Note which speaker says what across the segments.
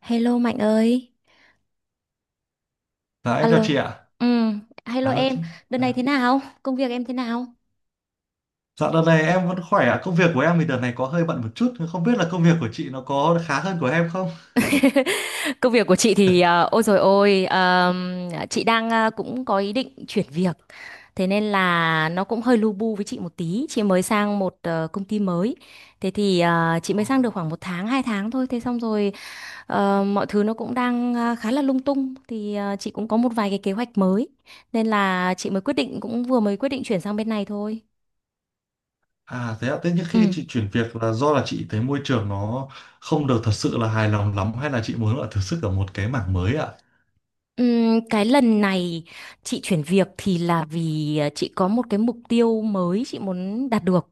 Speaker 1: Hello Mạnh ơi.
Speaker 2: Dạ em chào chị
Speaker 1: Alo.
Speaker 2: ạ.
Speaker 1: Ừ, hello
Speaker 2: À lâu
Speaker 1: em.
Speaker 2: chị.
Speaker 1: Đợt này thế
Speaker 2: Dạ
Speaker 1: nào? Công việc em thế nào?
Speaker 2: Dạ, đợt này em vẫn khỏe ạ. Công việc của em thì đợt này có hơi bận một chút. Không biết là công việc của chị nó có khá hơn của em không?
Speaker 1: Công việc của chị thì ôi rồi ôi chị đang cũng có ý định chuyển việc. Thế nên là nó cũng hơi lu bu với chị một tí. Chị mới sang một công ty mới. Thế thì chị mới
Speaker 2: Ồ.
Speaker 1: sang được khoảng một tháng, 2 tháng thôi. Thế xong rồi mọi thứ nó cũng đang khá là lung tung. Thì chị cũng có một vài cái kế hoạch mới. Nên là chị mới quyết định cũng vừa mới quyết định chuyển sang bên này thôi.
Speaker 2: À thế ạ. Thế nhưng khi
Speaker 1: Ừ.
Speaker 2: chị chuyển việc là do là chị thấy môi trường nó không được thật sự là hài lòng lắm hay là chị muốn là thử sức ở một cái mảng mới ạ?
Speaker 1: Cái lần này chị chuyển việc thì là vì chị có một cái mục tiêu mới chị muốn đạt được.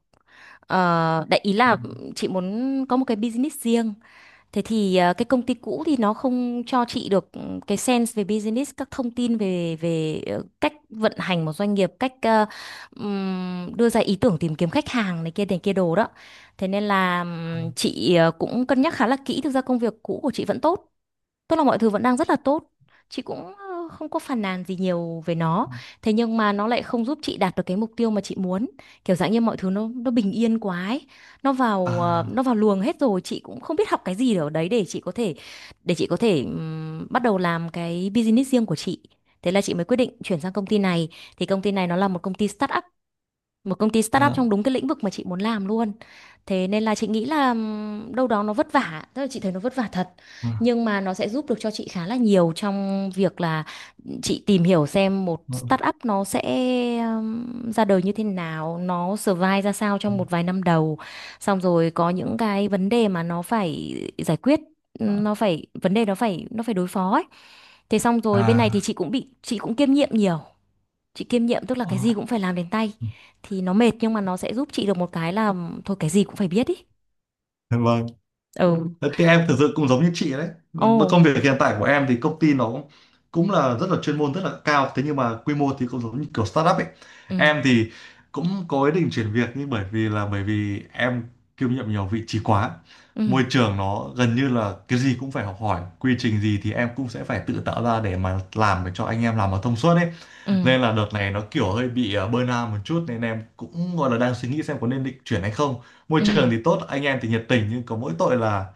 Speaker 1: Đại ý
Speaker 2: Ừ.
Speaker 1: là chị muốn có một cái business riêng. Thế thì cái công ty cũ thì nó không cho chị được cái sense về business, các thông tin về về cách vận hành một doanh nghiệp, cách đưa ra ý tưởng tìm kiếm khách hàng này kia đồ đó. Thế nên là chị cũng cân nhắc khá là kỹ. Thực ra công việc cũ của chị vẫn tốt. Tức là mọi thứ vẫn đang rất là tốt. Chị cũng không có phàn nàn gì nhiều về nó. Thế nhưng mà nó lại không giúp chị đạt được cái mục tiêu mà chị muốn. Kiểu dạng như mọi thứ nó bình yên quá ấy. Nó vào nó
Speaker 2: À
Speaker 1: vào luồng hết rồi, chị cũng không biết học cái gì ở đấy để chị có thể bắt đầu làm cái business riêng của chị. Thế là chị mới quyết định chuyển sang công ty này. Thì công ty này nó là một công ty startup
Speaker 2: dạ.
Speaker 1: trong đúng cái lĩnh vực mà chị muốn làm luôn, thế nên là chị nghĩ là đâu đó nó vất vả, tức là chị thấy nó vất vả thật
Speaker 2: Ừ.
Speaker 1: nhưng mà nó sẽ giúp được cho chị khá là nhiều trong việc là chị tìm hiểu xem một startup nó sẽ ra đời như thế nào, nó survive ra sao
Speaker 2: Ừ.
Speaker 1: trong một vài năm đầu, xong rồi có những cái vấn đề mà nó phải giải quyết,
Speaker 2: À.
Speaker 1: nó phải vấn đề nó phải đối phó ấy. Thế xong rồi bên này thì
Speaker 2: À.
Speaker 1: chị cũng kiêm nhiệm nhiều, chị kiêm nhiệm tức là
Speaker 2: Ờ.
Speaker 1: cái gì cũng phải làm đến tay thì nó mệt nhưng mà nó sẽ giúp chị được một cái là thôi cái gì cũng phải biết ý.
Speaker 2: Vâng.
Speaker 1: Ừ. Ừ.
Speaker 2: Đấy, thì em thực sự cũng giống như chị đấy.
Speaker 1: Ồ.
Speaker 2: Với công việc hiện tại của em thì công ty nó cũng cũng là rất là chuyên môn, rất là cao. Thế nhưng mà quy mô thì cũng giống như kiểu startup ấy.
Speaker 1: Ừ,
Speaker 2: Em thì cũng có ý định chuyển việc, nhưng bởi vì em kiêm nhiệm nhiều vị trí quá.
Speaker 1: ừ,
Speaker 2: Môi trường nó gần như là cái gì cũng phải học hỏi. Quy trình gì thì em cũng sẽ phải tự tạo ra để mà làm, để cho anh em làm mà thông suốt ấy.
Speaker 1: ừ,
Speaker 2: Nên là đợt này nó kiểu hơi bị burnout một chút, nên em cũng gọi là đang suy nghĩ xem có nên định chuyển hay không. Môi
Speaker 1: ừ,
Speaker 2: trường thì tốt, anh em thì nhiệt tình, nhưng có mỗi tội là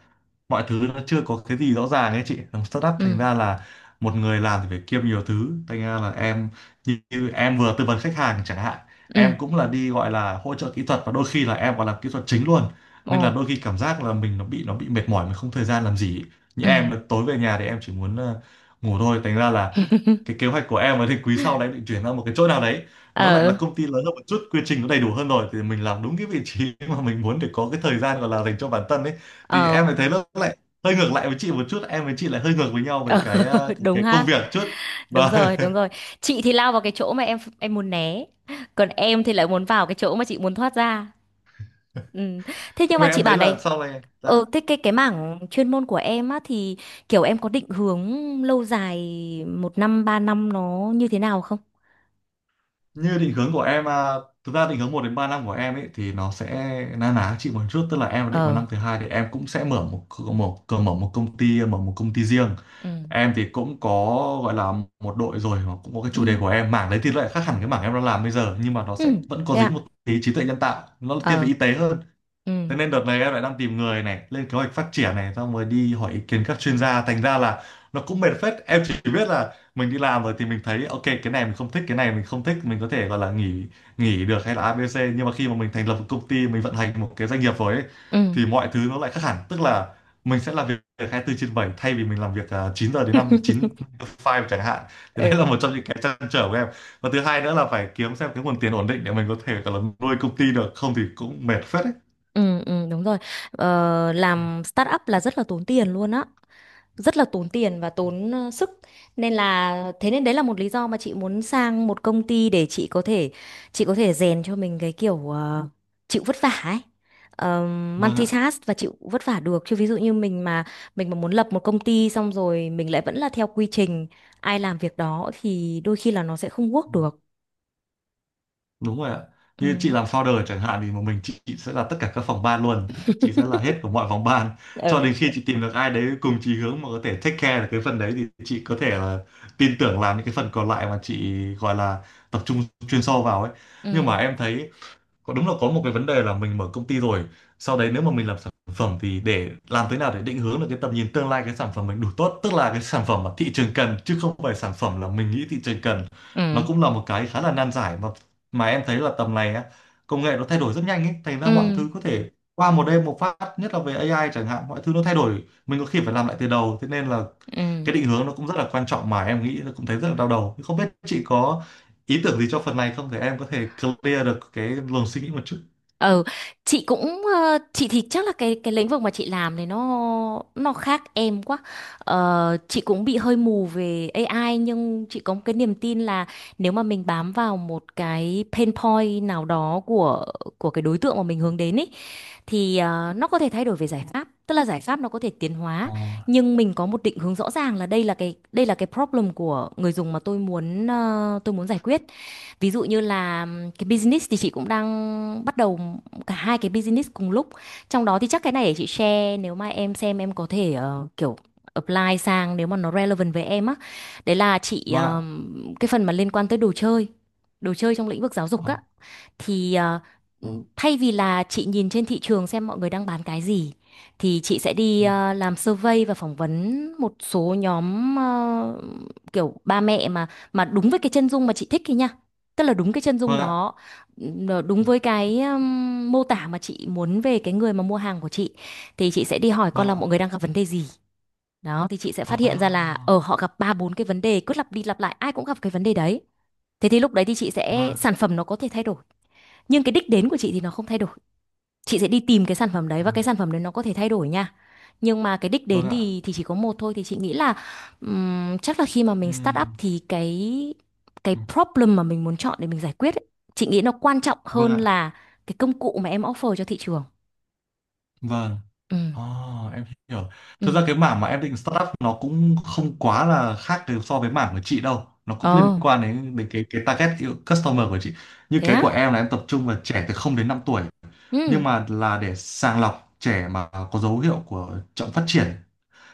Speaker 2: mọi thứ nó chưa có cái gì rõ ràng ấy, chị làm startup
Speaker 1: ừ,
Speaker 2: thành ra là một người làm thì phải kiêm nhiều thứ, thành ra là em như em vừa tư vấn khách hàng chẳng hạn,
Speaker 1: ừ.
Speaker 2: em cũng là đi gọi là hỗ trợ kỹ thuật, và đôi khi là em còn làm kỹ thuật chính luôn.
Speaker 1: Ồ.
Speaker 2: Nên là đôi khi cảm giác là mình nó bị mệt mỏi, mình không thời gian làm gì, như
Speaker 1: Ừ.
Speaker 2: em tối về nhà thì em chỉ muốn ngủ thôi. Thành ra là cái kế hoạch của em ấy thì quý sau đấy định chuyển ra một cái chỗ nào đấy, nó lại là
Speaker 1: Ờ,
Speaker 2: công ty lớn hơn một chút, quy trình nó đầy đủ hơn, rồi thì mình làm đúng cái vị trí mà mình muốn, để có cái thời gian gọi là dành cho bản thân ấy. Thì
Speaker 1: ờ,
Speaker 2: em lại thấy nó lại hơi ngược lại với chị một chút, em với chị lại hơi ngược với nhau về
Speaker 1: ờ.
Speaker 2: cái ờ, cái,
Speaker 1: Đúng
Speaker 2: cái
Speaker 1: ha.
Speaker 2: công việc chút.
Speaker 1: Đúng
Speaker 2: Và
Speaker 1: rồi, đúng rồi. Chị thì lao vào cái chỗ mà em muốn né, còn em thì lại muốn vào cái chỗ mà chị muốn thoát ra. Ừ. Thế nhưng
Speaker 2: nhưng
Speaker 1: mà
Speaker 2: mà
Speaker 1: chị
Speaker 2: em thấy
Speaker 1: bảo
Speaker 2: là
Speaker 1: này.
Speaker 2: sau này,
Speaker 1: Ờ,
Speaker 2: dạ,
Speaker 1: thế cái mảng chuyên môn của em á thì kiểu em có định hướng lâu dài một năm 3 năm nó như thế nào không?
Speaker 2: như định hướng của em à, thực ra định hướng 1 đến 3 năm của em ấy thì nó sẽ na ná chị một chút, tức là em định vào
Speaker 1: Ờ.
Speaker 2: năm thứ hai thì em cũng sẽ mở một công ty riêng.
Speaker 1: Ừ.
Speaker 2: Em thì cũng có gọi là một đội rồi, mà cũng có cái
Speaker 1: Ừ.
Speaker 2: chủ đề của em, mảng đấy thì lại khác hẳn cái mảng em đang làm bây giờ, nhưng mà nó sẽ
Speaker 1: Ừ,
Speaker 2: vẫn có
Speaker 1: thế
Speaker 2: dính một
Speaker 1: ạ.
Speaker 2: tí trí tuệ nhân tạo, nó thiên về
Speaker 1: Ờ.
Speaker 2: y tế hơn.
Speaker 1: Ừ.
Speaker 2: Thế nên đợt này em lại đang tìm người này, lên kế hoạch phát triển này, xong rồi đi hỏi ý kiến các chuyên gia. Thành ra là nó cũng mệt phết. Em chỉ biết là mình đi làm rồi thì mình thấy ok, cái này mình không thích, cái này mình không thích, mình có thể gọi là nghỉ nghỉ được, hay là ABC. Nhưng mà khi mà mình thành lập một công ty, mình vận hành một cái doanh nghiệp rồi ấy,
Speaker 1: Ừ.
Speaker 2: thì mọi thứ nó lại khác hẳn. Tức là mình sẽ làm việc 24/7, thay vì mình làm việc 9 giờ đến năm, 9 to 5 chẳng hạn. Thì đấy là
Speaker 1: Ừ.
Speaker 2: một trong những cái trăn trở của em. Và thứ hai nữa là phải kiếm xem cái nguồn tiền ổn định để mình có thể gọi là nuôi công ty được, không thì cũng mệt phết đấy.
Speaker 1: Ừ, ừ, đúng rồi. Làm startup là rất là tốn tiền luôn á, rất là tốn tiền và tốn sức, nên là thế nên đấy là một lý do mà chị muốn sang một công ty để chị có thể, rèn cho mình cái kiểu chịu vất vả ấy,
Speaker 2: Vâng ạ.
Speaker 1: multitask và chịu vất vả được chứ, ví dụ như mình mà muốn lập một công ty xong rồi mình lại vẫn là theo quy trình ai làm việc đó thì đôi khi là nó sẽ không work
Speaker 2: Ừ,
Speaker 1: được.
Speaker 2: đúng rồi ạ. Như chị
Speaker 1: Ừ.
Speaker 2: làm founder chẳng hạn thì một mình chị sẽ là tất cả các phòng ban luôn. Chị sẽ là hết của mọi phòng ban. Cho
Speaker 1: Ừ,
Speaker 2: đến khi chị tìm được ai đấy cùng chí hướng mà có thể take care được cái phần đấy, thì chị có thể là tin tưởng làm những cái phần còn lại mà chị gọi là tập trung chuyên sâu vào ấy. Nhưng mà
Speaker 1: ừ,
Speaker 2: em thấy có đúng là có một cái vấn đề là mình mở công ty rồi, sau đấy nếu mà mình làm sản phẩm thì để làm thế nào để định hướng được cái tầm nhìn tương lai, cái sản phẩm mình đủ tốt, tức là cái sản phẩm mà thị trường cần chứ không phải sản phẩm là mình nghĩ thị trường cần, nó
Speaker 1: ừ,
Speaker 2: cũng là một cái khá là nan giải. Mà em thấy là tầm này á, công nghệ nó thay đổi rất nhanh ấy, thành
Speaker 1: ừ,
Speaker 2: ra mọi thứ có thể qua một đêm một phát, nhất là về AI chẳng hạn, mọi thứ nó thay đổi, mình có khi phải làm lại từ đầu. Thế nên là
Speaker 1: ừ.
Speaker 2: cái định hướng nó cũng rất là quan trọng, mà em nghĩ là cũng thấy rất là đau đầu, không biết chị có ý tưởng gì cho phần này không, để em có thể clear được cái luồng suy nghĩ một chút.
Speaker 1: Ờ, chị cũng chị thì chắc là cái lĩnh vực mà chị làm này nó khác em quá. Chị cũng bị hơi mù về AI nhưng chị có một cái niềm tin là nếu mà mình bám vào một cái pain point nào đó của cái đối tượng mà mình hướng đến ấy thì nó có thể thay đổi về giải pháp. Tức là giải pháp nó có thể tiến
Speaker 2: Ờ,
Speaker 1: hóa nhưng mình có một định hướng rõ ràng là đây là cái, problem của người dùng mà tôi muốn tôi muốn giải quyết. Ví dụ như là cái business thì chị cũng đang bắt đầu cả hai cái business cùng lúc, trong đó thì chắc cái này để chị share, nếu mà em xem em có thể kiểu apply sang nếu mà nó relevant với em á, đấy là chị
Speaker 2: vâng ạ.
Speaker 1: cái phần mà liên quan tới đồ chơi, đồ chơi trong lĩnh vực giáo dục á,
Speaker 2: Ờ,
Speaker 1: thì
Speaker 2: ờ,
Speaker 1: thay vì là chị nhìn trên thị trường xem mọi người đang bán cái gì thì chị sẽ đi
Speaker 2: ừ.
Speaker 1: làm survey và phỏng vấn một số nhóm kiểu ba mẹ, mà đúng với cái chân dung mà chị thích ấy nha, tức là đúng cái chân dung
Speaker 2: Vâng ạ.
Speaker 1: đó, nó đúng với cái mô tả mà chị muốn về cái người mà mua hàng của chị, thì chị sẽ đi hỏi con
Speaker 2: Vâng
Speaker 1: là
Speaker 2: ạ.
Speaker 1: mọi người đang gặp vấn đề gì. Đó thì chị sẽ phát hiện ra là
Speaker 2: À,
Speaker 1: ở họ gặp ba bốn cái vấn đề cứ lặp đi lặp lại, ai cũng gặp cái vấn đề đấy. Thế thì lúc đấy thì chị sẽ
Speaker 2: vâng.
Speaker 1: sản phẩm nó có thể thay đổi nhưng cái đích đến của chị thì nó không thay đổi, chị sẽ đi tìm cái sản phẩm đấy và
Speaker 2: À,
Speaker 1: cái sản phẩm đấy nó có thể thay đổi nha, nhưng mà cái đích
Speaker 2: vâng
Speaker 1: đến
Speaker 2: ạ.
Speaker 1: thì chỉ có một thôi, thì chị nghĩ là chắc là khi mà mình start up
Speaker 2: Ừm,
Speaker 1: thì cái
Speaker 2: ừ,
Speaker 1: problem mà mình muốn chọn để mình giải quyết ấy, chị nghĩ nó quan trọng
Speaker 2: vâng
Speaker 1: hơn
Speaker 2: ạ.
Speaker 1: là cái công cụ mà em offer cho thị trường.
Speaker 2: Vâng.
Speaker 1: Ừ.
Speaker 2: À, em hiểu.
Speaker 1: Ừ.
Speaker 2: Thực ra cái mảng mà em định start up nó cũng không quá là khác từ so với mảng của chị đâu, nó cũng
Speaker 1: Ồ,
Speaker 2: liên quan đến đến cái target customer của chị. Như
Speaker 1: thế
Speaker 2: cái
Speaker 1: á.
Speaker 2: của em là em tập trung vào trẻ từ 0 đến 5 tuổi,
Speaker 1: Ừ,
Speaker 2: nhưng mà là để sàng lọc trẻ mà có dấu hiệu của chậm phát triển.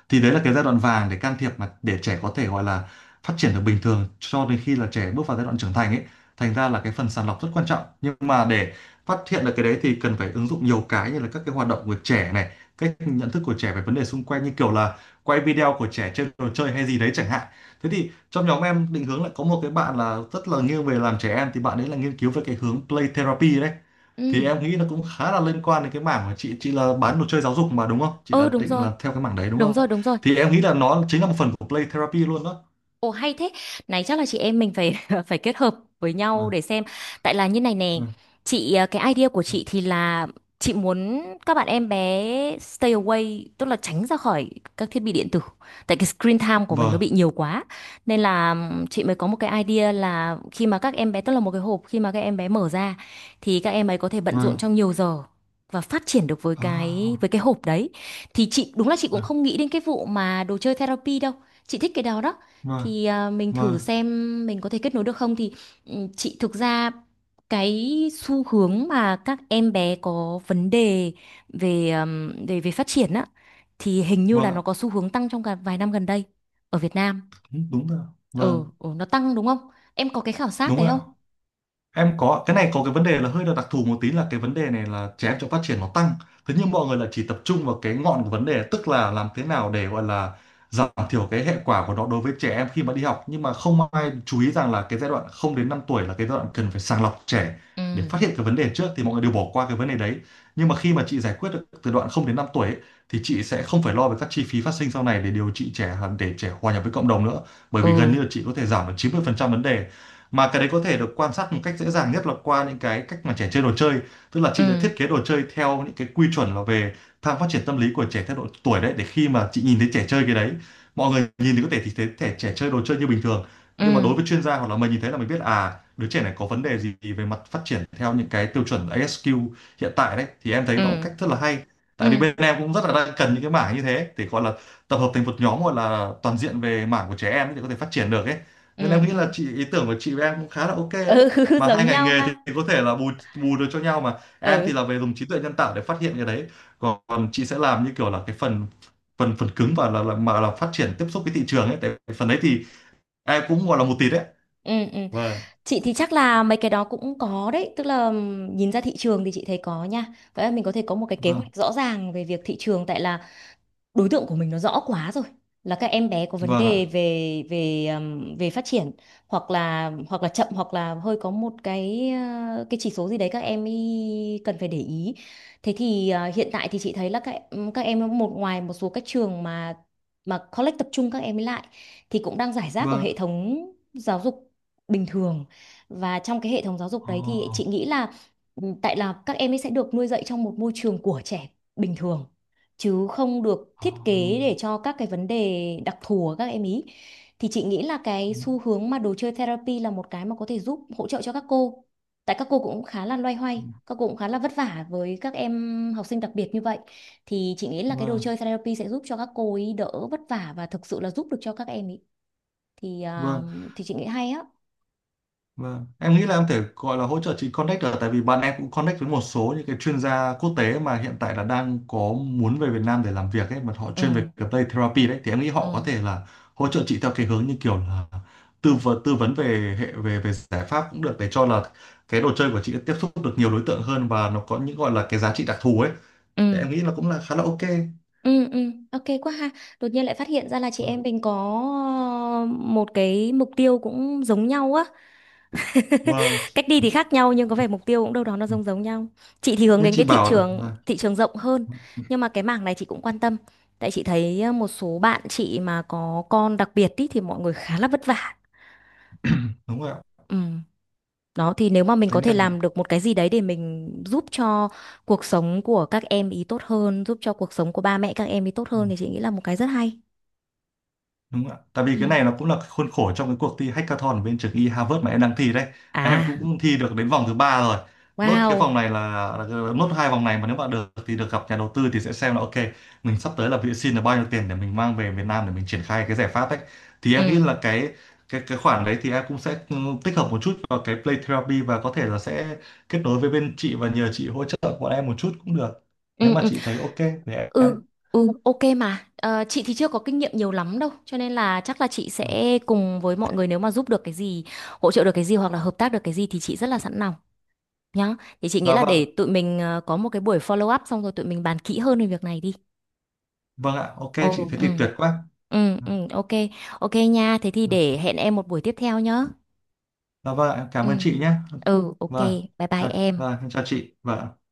Speaker 2: Thì đấy là cái giai đoạn vàng để can thiệp, mà để trẻ có thể gọi là phát triển được bình thường cho đến khi là trẻ bước vào giai đoạn trưởng thành ấy. Thành ra là cái phần sàng lọc rất quan trọng, nhưng mà để phát hiện được cái đấy thì cần phải ứng dụng nhiều cái như là các cái hoạt động của trẻ này, cách nhận thức của trẻ về vấn đề xung quanh, như kiểu là quay video của trẻ chơi đồ chơi hay gì đấy chẳng hạn. Thế thì trong nhóm em định hướng lại có một cái bạn là rất là nghiêng về làm trẻ em, thì bạn ấy là nghiên cứu về cái hướng play therapy đấy, thì
Speaker 1: ừ,
Speaker 2: em nghĩ nó cũng khá là liên quan đến cái mảng mà chị là bán đồ chơi giáo dục, mà đúng không, chị
Speaker 1: ừ.
Speaker 2: đã
Speaker 1: Đúng
Speaker 2: định
Speaker 1: rồi,
Speaker 2: là theo cái mảng đấy đúng
Speaker 1: đúng
Speaker 2: không?
Speaker 1: rồi, đúng rồi.
Speaker 2: Thì em nghĩ là nó chính là một phần của play therapy luôn đó.
Speaker 1: Ồ, hay thế. Này chắc là chị em mình phải phải kết hợp với nhau
Speaker 2: Vâng,
Speaker 1: để xem. Tại là như này nè,
Speaker 2: vâng.
Speaker 1: chị cái idea của chị thì là chị muốn các bạn em bé stay away, tức là tránh ra khỏi các thiết bị điện tử. Tại cái screen time của mình nó
Speaker 2: Vâng,
Speaker 1: bị nhiều quá. Nên là chị mới có một cái idea là khi mà các em bé tức là một cái hộp, khi mà các em bé mở ra thì các em ấy có thể bận rộn
Speaker 2: vâng.
Speaker 1: trong nhiều giờ, và phát triển được với cái
Speaker 2: À,
Speaker 1: với cái hộp đấy, thì chị đúng là chị cũng không nghĩ đến cái vụ mà đồ chơi therapy đâu, chị thích cái đó đó,
Speaker 2: vâng.
Speaker 1: thì à, mình
Speaker 2: Vâng,
Speaker 1: thử
Speaker 2: vâng.
Speaker 1: xem mình có thể kết nối được không thì ừ, chị thực ra cái xu hướng mà các em bé có vấn đề về, về về phát triển á, thì hình như
Speaker 2: Vâng
Speaker 1: là nó
Speaker 2: ạ.
Speaker 1: có xu hướng tăng trong cả vài năm gần đây ở Việt Nam.
Speaker 2: Đúng đúng rồi
Speaker 1: Ừ,
Speaker 2: Vâng.
Speaker 1: ừ nó tăng đúng không? Em có cái khảo sát
Speaker 2: Đúng
Speaker 1: đấy
Speaker 2: rồi ạ.
Speaker 1: không?
Speaker 2: Em có cái này, có cái vấn đề là hơi là đặc thù một tí, là cái vấn đề này là trẻ em trong phát triển nó tăng. Thế nhưng mọi người là chỉ tập trung vào cái ngọn của vấn đề, tức là làm thế nào để gọi là giảm thiểu cái hệ quả của nó đối với trẻ em khi mà đi học, nhưng mà không ai chú ý rằng là cái giai đoạn 0 đến 5 tuổi là cái giai đoạn cần phải sàng lọc trẻ
Speaker 1: Ừ.
Speaker 2: để phát hiện cái vấn đề trước, thì mọi người đều bỏ qua cái vấn đề đấy. Nhưng mà khi mà chị giải quyết được từ đoạn 0 đến 5 tuổi ấy, thì chị sẽ không phải lo về các chi phí phát sinh sau này để điều trị trẻ, để trẻ hòa nhập với cộng đồng nữa, bởi vì
Speaker 1: Ừ.
Speaker 2: gần như là chị có thể giảm được 90% vấn đề, mà cái đấy có thể được quan sát một cách dễ dàng nhất là qua những cái cách mà trẻ chơi đồ chơi. Tức là
Speaker 1: Ừ.
Speaker 2: chị sẽ thiết kế đồ chơi theo những cái quy chuẩn là về tham phát triển tâm lý của trẻ theo độ tuổi đấy, để khi mà chị nhìn thấy trẻ chơi cái đấy, mọi người nhìn thì có thể thì thấy trẻ trẻ chơi đồ chơi như bình thường,
Speaker 1: Ừ.
Speaker 2: nhưng mà đối với chuyên gia hoặc là mình nhìn thấy là mình biết à, đứa trẻ này có vấn đề gì về mặt phát triển theo những cái tiêu chuẩn ASQ hiện tại đấy. Thì em thấy đó là một
Speaker 1: Ừ.
Speaker 2: cách rất là hay, tại vì
Speaker 1: Ừ.
Speaker 2: bên em cũng rất là đang cần những cái mảng như thế để gọi là tập hợp thành một nhóm gọi là toàn diện về mảng của trẻ em ấy, để có thể phát triển được ấy. Nên em
Speaker 1: Ừ.
Speaker 2: nghĩ là
Speaker 1: Ừ.
Speaker 2: chị, ý tưởng của chị với em cũng khá là ok đấy,
Speaker 1: Ừ.
Speaker 2: mà
Speaker 1: Giống
Speaker 2: hai ngành
Speaker 1: nhau
Speaker 2: nghề thì
Speaker 1: ha.
Speaker 2: thì có thể là bù bù được cho nhau, mà em thì
Speaker 1: Ừ.
Speaker 2: là về dùng trí tuệ nhân tạo để phát hiện cái đấy, còn chị sẽ làm như kiểu là cái phần phần phần cứng và là phát triển tiếp xúc với thị trường ấy, tại vì phần đấy thì em cũng gọi là một tí đấy.
Speaker 1: Ừ. Ừ.
Speaker 2: Vâng,
Speaker 1: Chị thì chắc là mấy cái đó cũng có đấy, tức là nhìn ra thị trường thì chị thấy có nha. Vậy là mình có thể có một cái kế
Speaker 2: vâng.
Speaker 1: hoạch rõ ràng về việc thị trường, tại là đối tượng của mình nó rõ quá rồi, là các em bé có vấn
Speaker 2: Vâng
Speaker 1: đề
Speaker 2: ạ.
Speaker 1: về về về phát triển, hoặc là chậm hoặc là hơi có một cái chỉ số gì đấy các em ý cần phải để ý, thế thì hiện tại thì chị thấy là các em một ngoài một số các trường mà college tập trung các em ấy lại thì cũng đang rải rác ở
Speaker 2: Vâng ạ.
Speaker 1: hệ thống giáo dục bình thường, và trong cái hệ thống giáo dục đấy thì
Speaker 2: Ồ,
Speaker 1: chị nghĩ là ừ, tại là các em ấy sẽ được nuôi dạy trong một môi trường của trẻ bình thường, chứ không được thiết kế để
Speaker 2: ồ,
Speaker 1: cho các cái vấn đề đặc thù của các em ý, thì chị nghĩ là cái xu hướng mà đồ chơi therapy là một cái mà có thể giúp hỗ trợ cho các cô, tại các cô cũng khá là loay hoay, các cô cũng khá là vất vả với các em học sinh đặc biệt như vậy, thì chị nghĩ là cái đồ
Speaker 2: vâng,
Speaker 1: chơi therapy sẽ giúp cho các cô ấy đỡ vất vả và thực sự là giúp được cho các em ý, thì à,
Speaker 2: vâng.
Speaker 1: chị nghĩ hay á.
Speaker 2: Vâng. Em nghĩ là em thể gọi là hỗ trợ chị connect được, tại vì bạn em cũng connect với một số những cái chuyên gia quốc tế mà hiện tại là đang có muốn về Việt Nam để làm việc ấy, mà họ
Speaker 1: Ừ.
Speaker 2: chuyên về cái play therapy đấy, thì em nghĩ họ có
Speaker 1: Ừ.
Speaker 2: thể là hỗ trợ chị theo cái hướng như kiểu là tư vấn về hệ về về giải pháp cũng được, để cho là cái đồ chơi của chị tiếp xúc được nhiều đối tượng hơn và nó có những gọi là cái giá trị đặc thù ấy. Thì
Speaker 1: Ừ.
Speaker 2: em nghĩ là cũng là khá là ok,
Speaker 1: Ừ. Ừ, ok quá ha. Đột nhiên lại phát hiện ra là chị em mình có ờ, một cái mục tiêu cũng giống nhau á,
Speaker 2: và
Speaker 1: cách đi thì khác nhau nhưng có vẻ mục tiêu cũng đâu đó nó giống giống nhau, chị thì hướng
Speaker 2: nên
Speaker 1: đến
Speaker 2: chị
Speaker 1: cái thị
Speaker 2: bảo là,
Speaker 1: trường
Speaker 2: là
Speaker 1: thị trường rộng hơn, nhưng mà cái mảng này chị cũng quan tâm, tại chị thấy một số bạn chị mà có con đặc biệt ý, thì mọi người khá là vất vả.
Speaker 2: đúng rồi ạ,
Speaker 1: Ừ. Đó thì nếu mà mình
Speaker 2: thế
Speaker 1: có thể
Speaker 2: nên là
Speaker 1: làm được một cái gì đấy để mình giúp cho cuộc sống của các em ý tốt hơn, giúp cho cuộc sống của ba mẹ các em ý tốt
Speaker 2: ừ.
Speaker 1: hơn thì chị nghĩ là một cái rất hay.
Speaker 2: Đúng ạ. Tại vì
Speaker 1: Ừ.
Speaker 2: cái này nó cũng là khuôn khổ trong cái cuộc thi hackathon ở bên trường y Harvard mà em đang thi đấy. Em
Speaker 1: À.
Speaker 2: cũng thi được đến vòng thứ ba rồi. Nốt cái
Speaker 1: Wow.
Speaker 2: vòng này là nốt hai vòng này, mà nếu bạn được thì được gặp nhà đầu tư, thì sẽ xem là ok, mình sắp tới là bị xin là bao nhiêu tiền để mình mang về Việt Nam để mình triển khai cái giải pháp ấy. Thì em nghĩ
Speaker 1: Ừ.
Speaker 2: là cái khoản đấy thì em cũng sẽ tích hợp một chút vào cái Play Therapy, và có thể là sẽ kết nối với bên chị và nhờ chị hỗ trợ bọn em một chút cũng được. Nếu
Speaker 1: Ừ,
Speaker 2: mà
Speaker 1: ừ.
Speaker 2: chị thấy ok thì em.
Speaker 1: Ừ, ừ, ok mà. Ờ, chị thì chưa có kinh nghiệm nhiều lắm đâu, cho nên là chắc là chị sẽ cùng với mọi người nếu mà giúp được cái gì, hỗ trợ được cái gì hoặc là hợp tác được cái gì thì chị rất là sẵn lòng nhá. Thì chị nghĩ
Speaker 2: Dạ
Speaker 1: là
Speaker 2: vâng.
Speaker 1: để tụi mình có một cái buổi follow up xong rồi tụi mình bàn kỹ hơn về việc này đi.
Speaker 2: Vâng ạ. Ok chị,
Speaker 1: Ồ,
Speaker 2: thế thì
Speaker 1: ừ,
Speaker 2: tuyệt quá.
Speaker 1: ừ, ừ, ok, ok nha. Thế thì
Speaker 2: Dạ
Speaker 1: để hẹn em một buổi tiếp theo nhá.
Speaker 2: vâng, ạ, em cảm
Speaker 1: Ừ,
Speaker 2: ơn chị nhé.
Speaker 1: ừ, ok,
Speaker 2: Vâng,
Speaker 1: bye bye
Speaker 2: chào,
Speaker 1: em.
Speaker 2: vâng, em chào chị. Vâng.